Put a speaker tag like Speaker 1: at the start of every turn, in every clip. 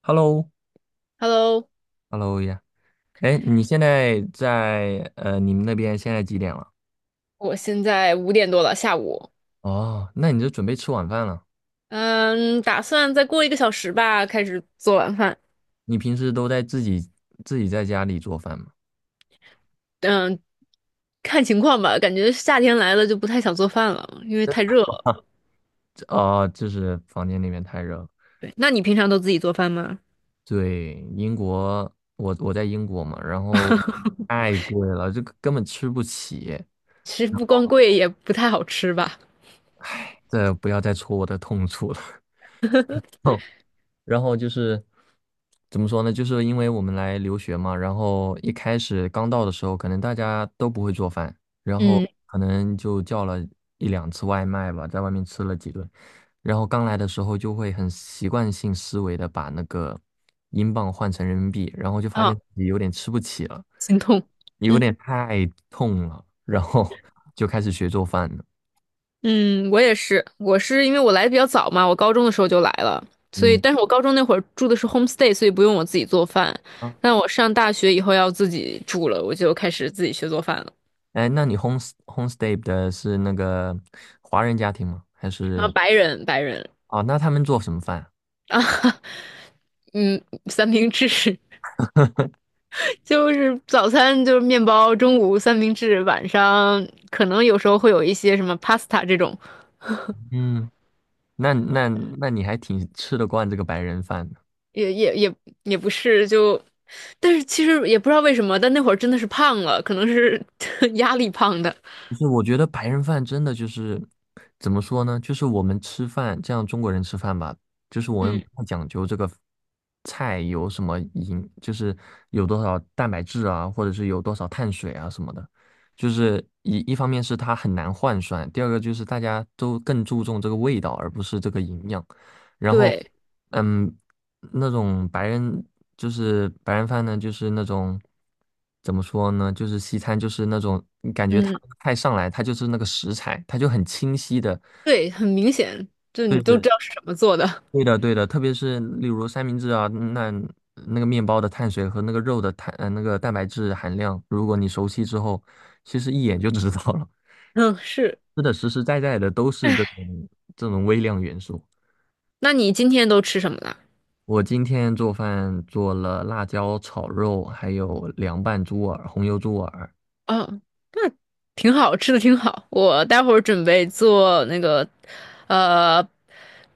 Speaker 1: Hello，
Speaker 2: Hello，
Speaker 1: Hello 呀，哎，你现在你们那边现在几点了？
Speaker 2: 我现在5点多了，下午。
Speaker 1: 哦，那你就准备吃晚饭了。
Speaker 2: 嗯，打算再过一个小时吧，开始做晚饭。
Speaker 1: 你平时都在自己在家里做饭吗？
Speaker 2: 嗯，看情况吧，感觉夏天来了就不太想做饭了，因为太热了。
Speaker 1: 这啊、就是房间那边太热了。
Speaker 2: 对，那你平常都自己做饭吗？
Speaker 1: 对，英国，我在英国嘛，然后 太贵了，这个根本吃不起。
Speaker 2: 其实不光贵，也不太好吃吧。
Speaker 1: 这不要再戳我的痛处了。然后就是怎么说呢？就是因为我们来留学嘛，然后一开始刚到的时候，可能大家都不会做饭，然后
Speaker 2: 嗯，
Speaker 1: 可能就叫了一两次外卖吧，在外面吃了几顿。然后刚来的时候就会很习惯性思维的把那个英镑换成人民币，然后就发现
Speaker 2: 啊，
Speaker 1: 自己有点吃不起了，
Speaker 2: 心痛。
Speaker 1: 有
Speaker 2: 嗯
Speaker 1: 点太痛了，然后 就开始学做饭了。
Speaker 2: 嗯，我也是，我是因为我来的比较早嘛，我高中的时候就来了，所以
Speaker 1: 嗯。
Speaker 2: 但是我高中那会儿住的是 homestay，所以不用我自己做饭。但我上大学以后要自己住了，我就开始自己学做饭了。
Speaker 1: 哎，那你 homestay 的是那个华人家庭吗？还
Speaker 2: 啊，
Speaker 1: 是
Speaker 2: 白人，白人
Speaker 1: 哦？那他们做什么饭啊？
Speaker 2: 啊，嗯，三明治 就是早餐就是面包，中午三明治，晚上可能有时候会有一些什么 pasta 这种，
Speaker 1: 嗯，那那那你还挺吃得惯这个白人饭的。
Speaker 2: 也也也也不是就，但是其实也不知道为什么，但那会儿真的是胖了，可能是 压力胖的。
Speaker 1: 不是，我觉得白人饭真的就是怎么说呢？就是我们吃饭，这样中国人吃饭吧，就是我们
Speaker 2: 嗯，
Speaker 1: 不太讲究这个菜有什么营，就是有多少蛋白质啊，或者是有多少碳水啊什么的。就是一方面是它很难换算，第二个就是大家都更注重这个味道，而不是这个营养。然后，
Speaker 2: 对，
Speaker 1: 嗯，那种白人就是白人饭呢，就是那种怎么说呢，就是西餐，就是那种你感觉它
Speaker 2: 嗯，
Speaker 1: 菜上来，它就是那个食材，它就很清晰的。
Speaker 2: 对，很明显，就你
Speaker 1: 对
Speaker 2: 都知
Speaker 1: 是
Speaker 2: 道是什么做的。
Speaker 1: 对的对的，特别是例如三明治啊，那个面包的碳水和那个肉的那个蛋白质含量，如果你熟悉之后，其实一眼就知道了。
Speaker 2: 嗯，是。
Speaker 1: 吃的实实在在的都是这种微量元素。
Speaker 2: 那你今天都吃什么了？
Speaker 1: 我今天做饭做了辣椒炒肉，还有凉拌猪耳、红油猪耳。
Speaker 2: 哦，那挺好吃的，挺好。我待会儿准备做那个，呃，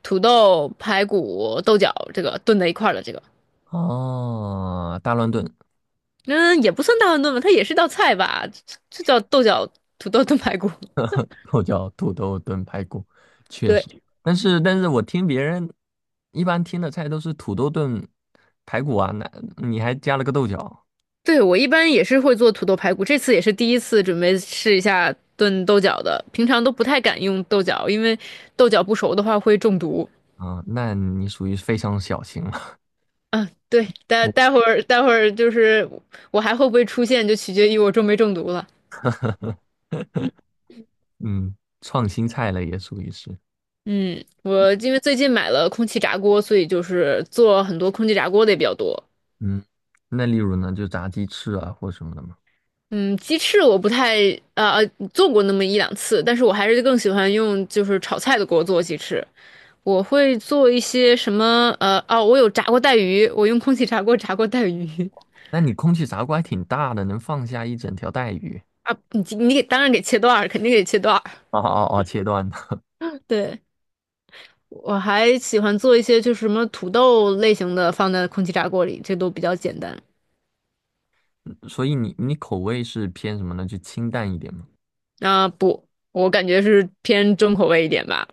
Speaker 2: 土豆排骨豆角，这个炖在一块儿的这个，
Speaker 1: 哦，大乱炖，
Speaker 2: 嗯，也不算大乱炖吧，它也是道菜吧，就叫豆角土豆炖排骨。
Speaker 1: 又叫土豆炖排骨，确实。
Speaker 2: 对，
Speaker 1: 但是我听别人一般听的菜都是土豆炖排骨啊，那你还加了个豆角
Speaker 2: 对，我一般也是会做土豆排骨，这次也是第一次准备试一下炖豆角的，平常都不太敢用豆角，因为豆角不熟的话会中毒。
Speaker 1: 啊，那你属于非常小型了。
Speaker 2: 嗯，对，待
Speaker 1: 我
Speaker 2: 待会儿待会儿就是我还会不会出现，就取决于我中没中毒了。
Speaker 1: 嗯，创新菜了也属于是。
Speaker 2: 嗯，我因为最近买了空气炸锅，所以就是做很多空气炸锅的也比较多。
Speaker 1: 嗯，那例如呢，就炸鸡翅啊或什么的嘛。
Speaker 2: 嗯，鸡翅我不太呃呃做过那么一两次，但是我还是更喜欢用就是炒菜的锅做鸡翅。我会做一些什么哦，我有炸过带鱼，我用空气炸锅炸过带鱼
Speaker 1: 那你空气炸锅还挺大的，能放下一整条带鱼。
Speaker 2: 啊，你给当然给切段儿，肯定给切段儿。
Speaker 1: 哦哦哦，切断的。
Speaker 2: 对，我还喜欢做一些就是什么土豆类型的放在空气炸锅里，这都比较简单。
Speaker 1: 所以你口味是偏什么呢？就清淡一点吗？
Speaker 2: 啊、不，我感觉是偏重口味一点吧。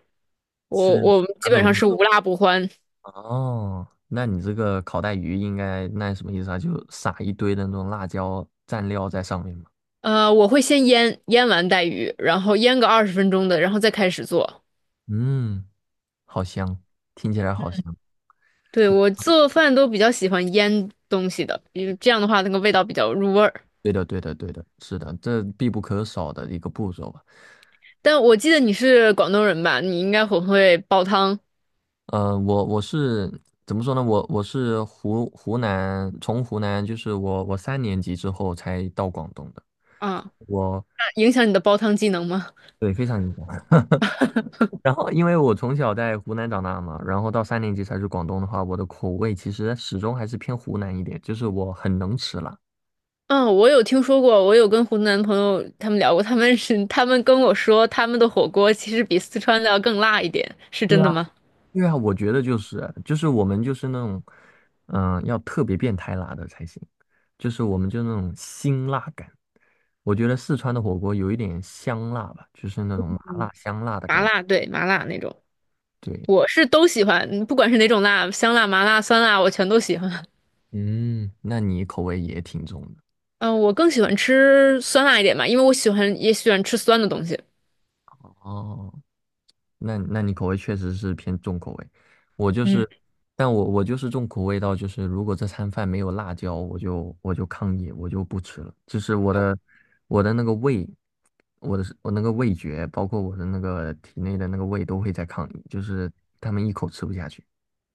Speaker 1: 吃
Speaker 2: 我们
Speaker 1: 哪
Speaker 2: 基
Speaker 1: 种
Speaker 2: 本上
Speaker 1: 东
Speaker 2: 是无
Speaker 1: 西
Speaker 2: 辣不欢。
Speaker 1: 哦，那你这个烤带鱼应该那什么意思啊？就撒一堆的那种辣椒蘸料在上面嘛。
Speaker 2: 呃，我会先腌，腌完带鱼，然后腌个20分钟的，然后再开始做。
Speaker 1: 嗯，好香，听起来好香。
Speaker 2: 对，我做饭都比较喜欢腌东西的，因为这样的话那个味道比较入味儿。
Speaker 1: 对的，对的，对的，是的，这必不可少的一个步骤吧。
Speaker 2: 但我记得你是广东人吧？你应该很会煲汤
Speaker 1: 我是怎么说呢？我是湖南，从湖南就是我三年级之后才到广东的。
Speaker 2: 啊，
Speaker 1: 我
Speaker 2: 那影响你的煲汤技能吗？
Speaker 1: 对非常影响。然后，因为我从小在湖南长大嘛，然后到三年级才去广东的话，我的口味其实始终还是偏湖南一点，就是我很能吃辣。
Speaker 2: 嗯，我有听说过，我有跟湖南朋友他们聊过，他们跟我说，他们的火锅其实比四川的要更辣一点，是真的吗？
Speaker 1: 对啊，我觉得就是我们就是那种，嗯、要特别变态辣的才行，就是我们就那种辛辣感。我觉得四川的火锅有一点香辣吧，就是那种麻辣香辣的
Speaker 2: 麻
Speaker 1: 感觉。
Speaker 2: 辣，对，麻辣那种。
Speaker 1: 对，
Speaker 2: 我是都喜欢，不管是哪种辣，香辣、麻辣、酸辣，我全都喜欢。
Speaker 1: 嗯，那你口味也挺重的
Speaker 2: 嗯、我更喜欢吃酸辣一点吧，因为我喜欢也喜欢吃酸的东西。
Speaker 1: 哦。那你口味确实是偏重口味。我就是，但我就是重口味到就是，如果这餐饭没有辣椒，我就抗议，我就不吃了。就是我的那个胃，我那个味觉，包括我的那个体内的那个胃都会在抗议，就是他们一口吃不下去。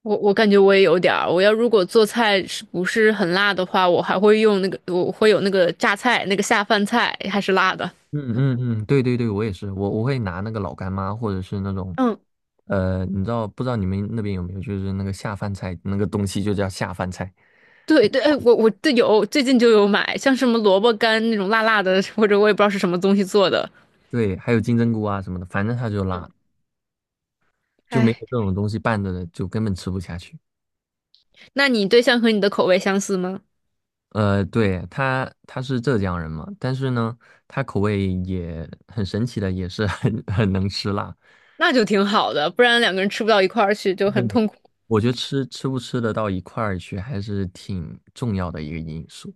Speaker 2: 我感觉我也有点儿，如果做菜是不是很辣的话，我还会用那个，我会有那个榨菜，那个下饭菜还是辣的。
Speaker 1: 嗯嗯嗯，对对对，我也是，我会拿那个老干妈或者是那种。
Speaker 2: 嗯，
Speaker 1: 你知道不知道你们那边有没有，就是那个下饭菜那个东西就叫下饭菜。
Speaker 2: 对对，哎，我这有最近就有买，像什么萝卜干那种辣辣的，或者我也不知道是什么东西做的。
Speaker 1: 对，还有金针菇啊什么的，反正它就辣，就没有
Speaker 2: 哎，
Speaker 1: 这种东西拌着的，就根本吃不下去。
Speaker 2: 那你对象和你的口味相似吗？
Speaker 1: 对，他是浙江人嘛，但是呢，他口味也很神奇的，也是 很能吃辣。
Speaker 2: 那就挺好的，不然两个人吃不到一块儿去就很
Speaker 1: 对，
Speaker 2: 痛苦。
Speaker 1: 我觉得吃不吃得到一块儿去，还是挺重要的一个因素。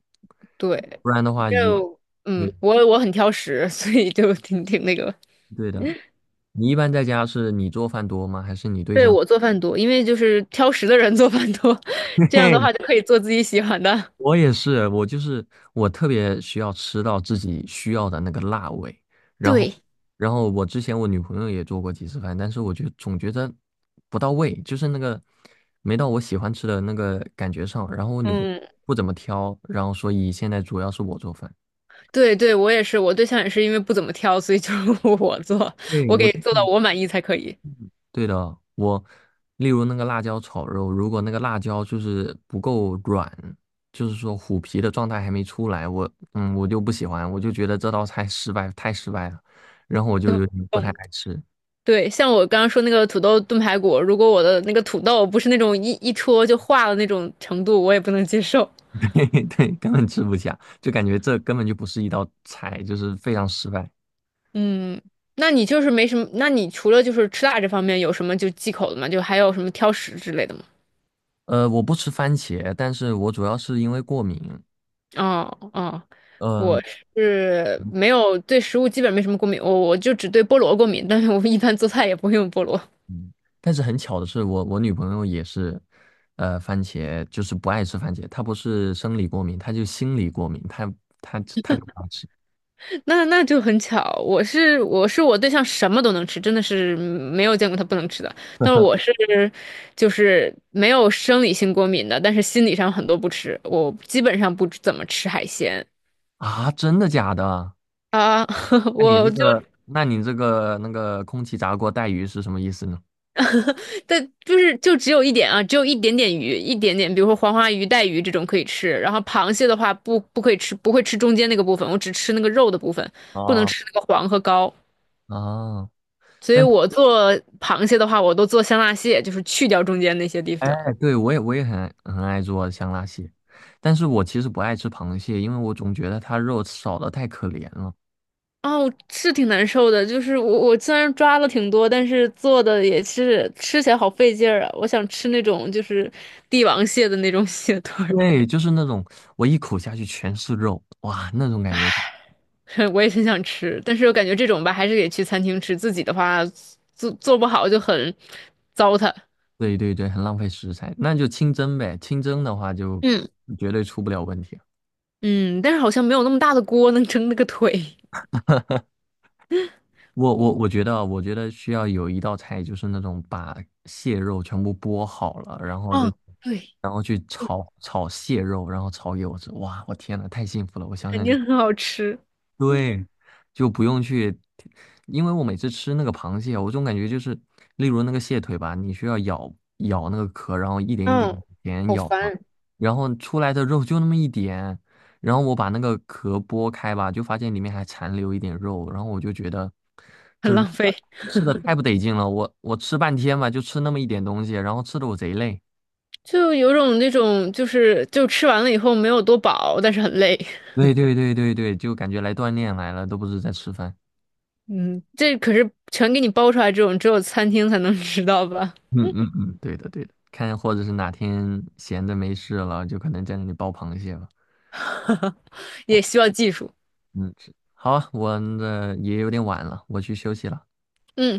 Speaker 2: 对，
Speaker 1: 不然的话，一，
Speaker 2: 就
Speaker 1: 对
Speaker 2: 嗯，我很挑食，所以就挺那个。
Speaker 1: 对的，你一般在家是你做饭多吗？还是你对
Speaker 2: 对，
Speaker 1: 象？
Speaker 2: 我做饭多，因为就是挑食的人做饭多，这样的话 就可以做自己喜欢的。
Speaker 1: 我也是，我就是我特别需要吃到自己需要的那个辣味。然后，
Speaker 2: 对，
Speaker 1: 然后我之前我女朋友也做过几次饭，但是我就总觉得不到位，就是那个没到我喜欢吃的那个感觉上，然后我女朋友
Speaker 2: 嗯，
Speaker 1: 不怎么挑，然后所以现在主要是我做饭。
Speaker 2: 对对，我也是，我对象也是因为不怎么挑，所以就 我做，
Speaker 1: 对，
Speaker 2: 我给
Speaker 1: 我。
Speaker 2: 做到我满意才可以。
Speaker 1: 对的，我例如那个辣椒炒肉，如果那个辣椒就是不够软，就是说虎皮的状态还没出来，我就不喜欢，我就觉得这道菜失败，太失败了，然后我就有点不太
Speaker 2: 嗯，
Speaker 1: 爱吃。
Speaker 2: 对，像我刚刚说那个土豆炖排骨，如果我的那个土豆不是那种一戳就化了那种程度，我也不能接受。
Speaker 1: 对对，根本吃不下，就感觉这根本就不是一道菜，就是非常失败。
Speaker 2: 嗯，那你就是没什么，那你除了就是吃辣这方面有什么就忌口的吗？就还有什么挑食之类的吗？
Speaker 1: 我不吃番茄，但是我主要是因为过敏。
Speaker 2: 哦哦，我
Speaker 1: 嗯、
Speaker 2: 是没有对食物基本没什么过敏，我就只对菠萝过敏，但是我一般做菜也不会用菠萝。
Speaker 1: 嗯，但是很巧的是我女朋友也是，番茄就是不爱吃番茄，她不是生理过敏，她就心理过敏，她就不爱吃
Speaker 2: 那就很巧，我对象什么都能吃，真的是没有见过他不能吃的。但是我是就是没有生理性过敏的，但是心理上很多不吃，我基本上不怎么吃海鲜。
Speaker 1: 啊！真的假的？
Speaker 2: 啊，
Speaker 1: 那你
Speaker 2: 我
Speaker 1: 这
Speaker 2: 就
Speaker 1: 个，那你这个那个空气炸锅带鱼是什么意思呢？
Speaker 2: 但就是就只有一点啊，只有一点点鱼，一点点，比如说黄花鱼、带鱼这种可以吃。然后螃蟹的话不可以吃，不会吃中间那个部分，我只吃那个肉的部分，不能
Speaker 1: 哦
Speaker 2: 吃那个黄和膏。
Speaker 1: 哦，
Speaker 2: 所以
Speaker 1: 但是
Speaker 2: 我做螃蟹的话，我都做香辣蟹，就是去掉中间那些地
Speaker 1: 哎，
Speaker 2: 方。
Speaker 1: 对我也很爱做香辣蟹，但是我其实不爱吃螃蟹，因为我总觉得它肉少的太可怜了。
Speaker 2: 哦，是挺难受的，就是我虽然抓了挺多，但是做的也是吃起来好费劲儿啊。我想吃那种就是帝王蟹的那种 蟹腿儿
Speaker 1: 对，就是那种我一口下去全是肉，哇，那种感觉。
Speaker 2: 我也很想吃，但是我感觉这种吧，还是得去餐厅吃。自己的话，做不好就很糟蹋。
Speaker 1: 对对对，很浪费食材，那就清蒸呗。清蒸的话就
Speaker 2: 嗯，
Speaker 1: 绝对出不了问题。
Speaker 2: 嗯，但是好像没有那么大的锅能蒸那个腿。
Speaker 1: 我觉得啊，我觉得需要有一道菜，就是那种把蟹肉全部剥好了，然后就
Speaker 2: 哦，对，
Speaker 1: 然后去
Speaker 2: 对，
Speaker 1: 炒炒蟹肉，然后炒给我吃。哇，我天呐，太幸福了！我想
Speaker 2: 肯
Speaker 1: 想就。
Speaker 2: 定很好吃，
Speaker 1: 对，就不用去，因为我每次吃那个螃蟹，我总感觉就是，例如那个蟹腿吧，你需要咬咬那个壳，然后一点一
Speaker 2: 嗯，
Speaker 1: 点点
Speaker 2: 好
Speaker 1: 咬嘛，
Speaker 2: 烦。
Speaker 1: 然后出来的肉就那么一点，然后我把那个壳剥开吧，就发现里面还残留一点肉，然后我就觉得
Speaker 2: 很
Speaker 1: 这肉
Speaker 2: 浪
Speaker 1: 吧
Speaker 2: 费，
Speaker 1: 吃的太不得劲了，我吃半天吧，就吃那么一点东西，然后吃的我贼累。
Speaker 2: 就有种那种就是就吃完了以后没有多饱，但是很累。
Speaker 1: 对对对对对，就感觉来锻炼来了，都不是在吃饭。
Speaker 2: 嗯，这可是全给你包出来，这种只有餐厅才能 吃到吧？
Speaker 1: 嗯嗯嗯，对的对的，看或者是哪天闲的没事了，就可能在那里剥螃蟹吧。
Speaker 2: 也需要技术。
Speaker 1: 嗯，是好啊，我的也有点晚了，我去休息了。
Speaker 2: 嗯。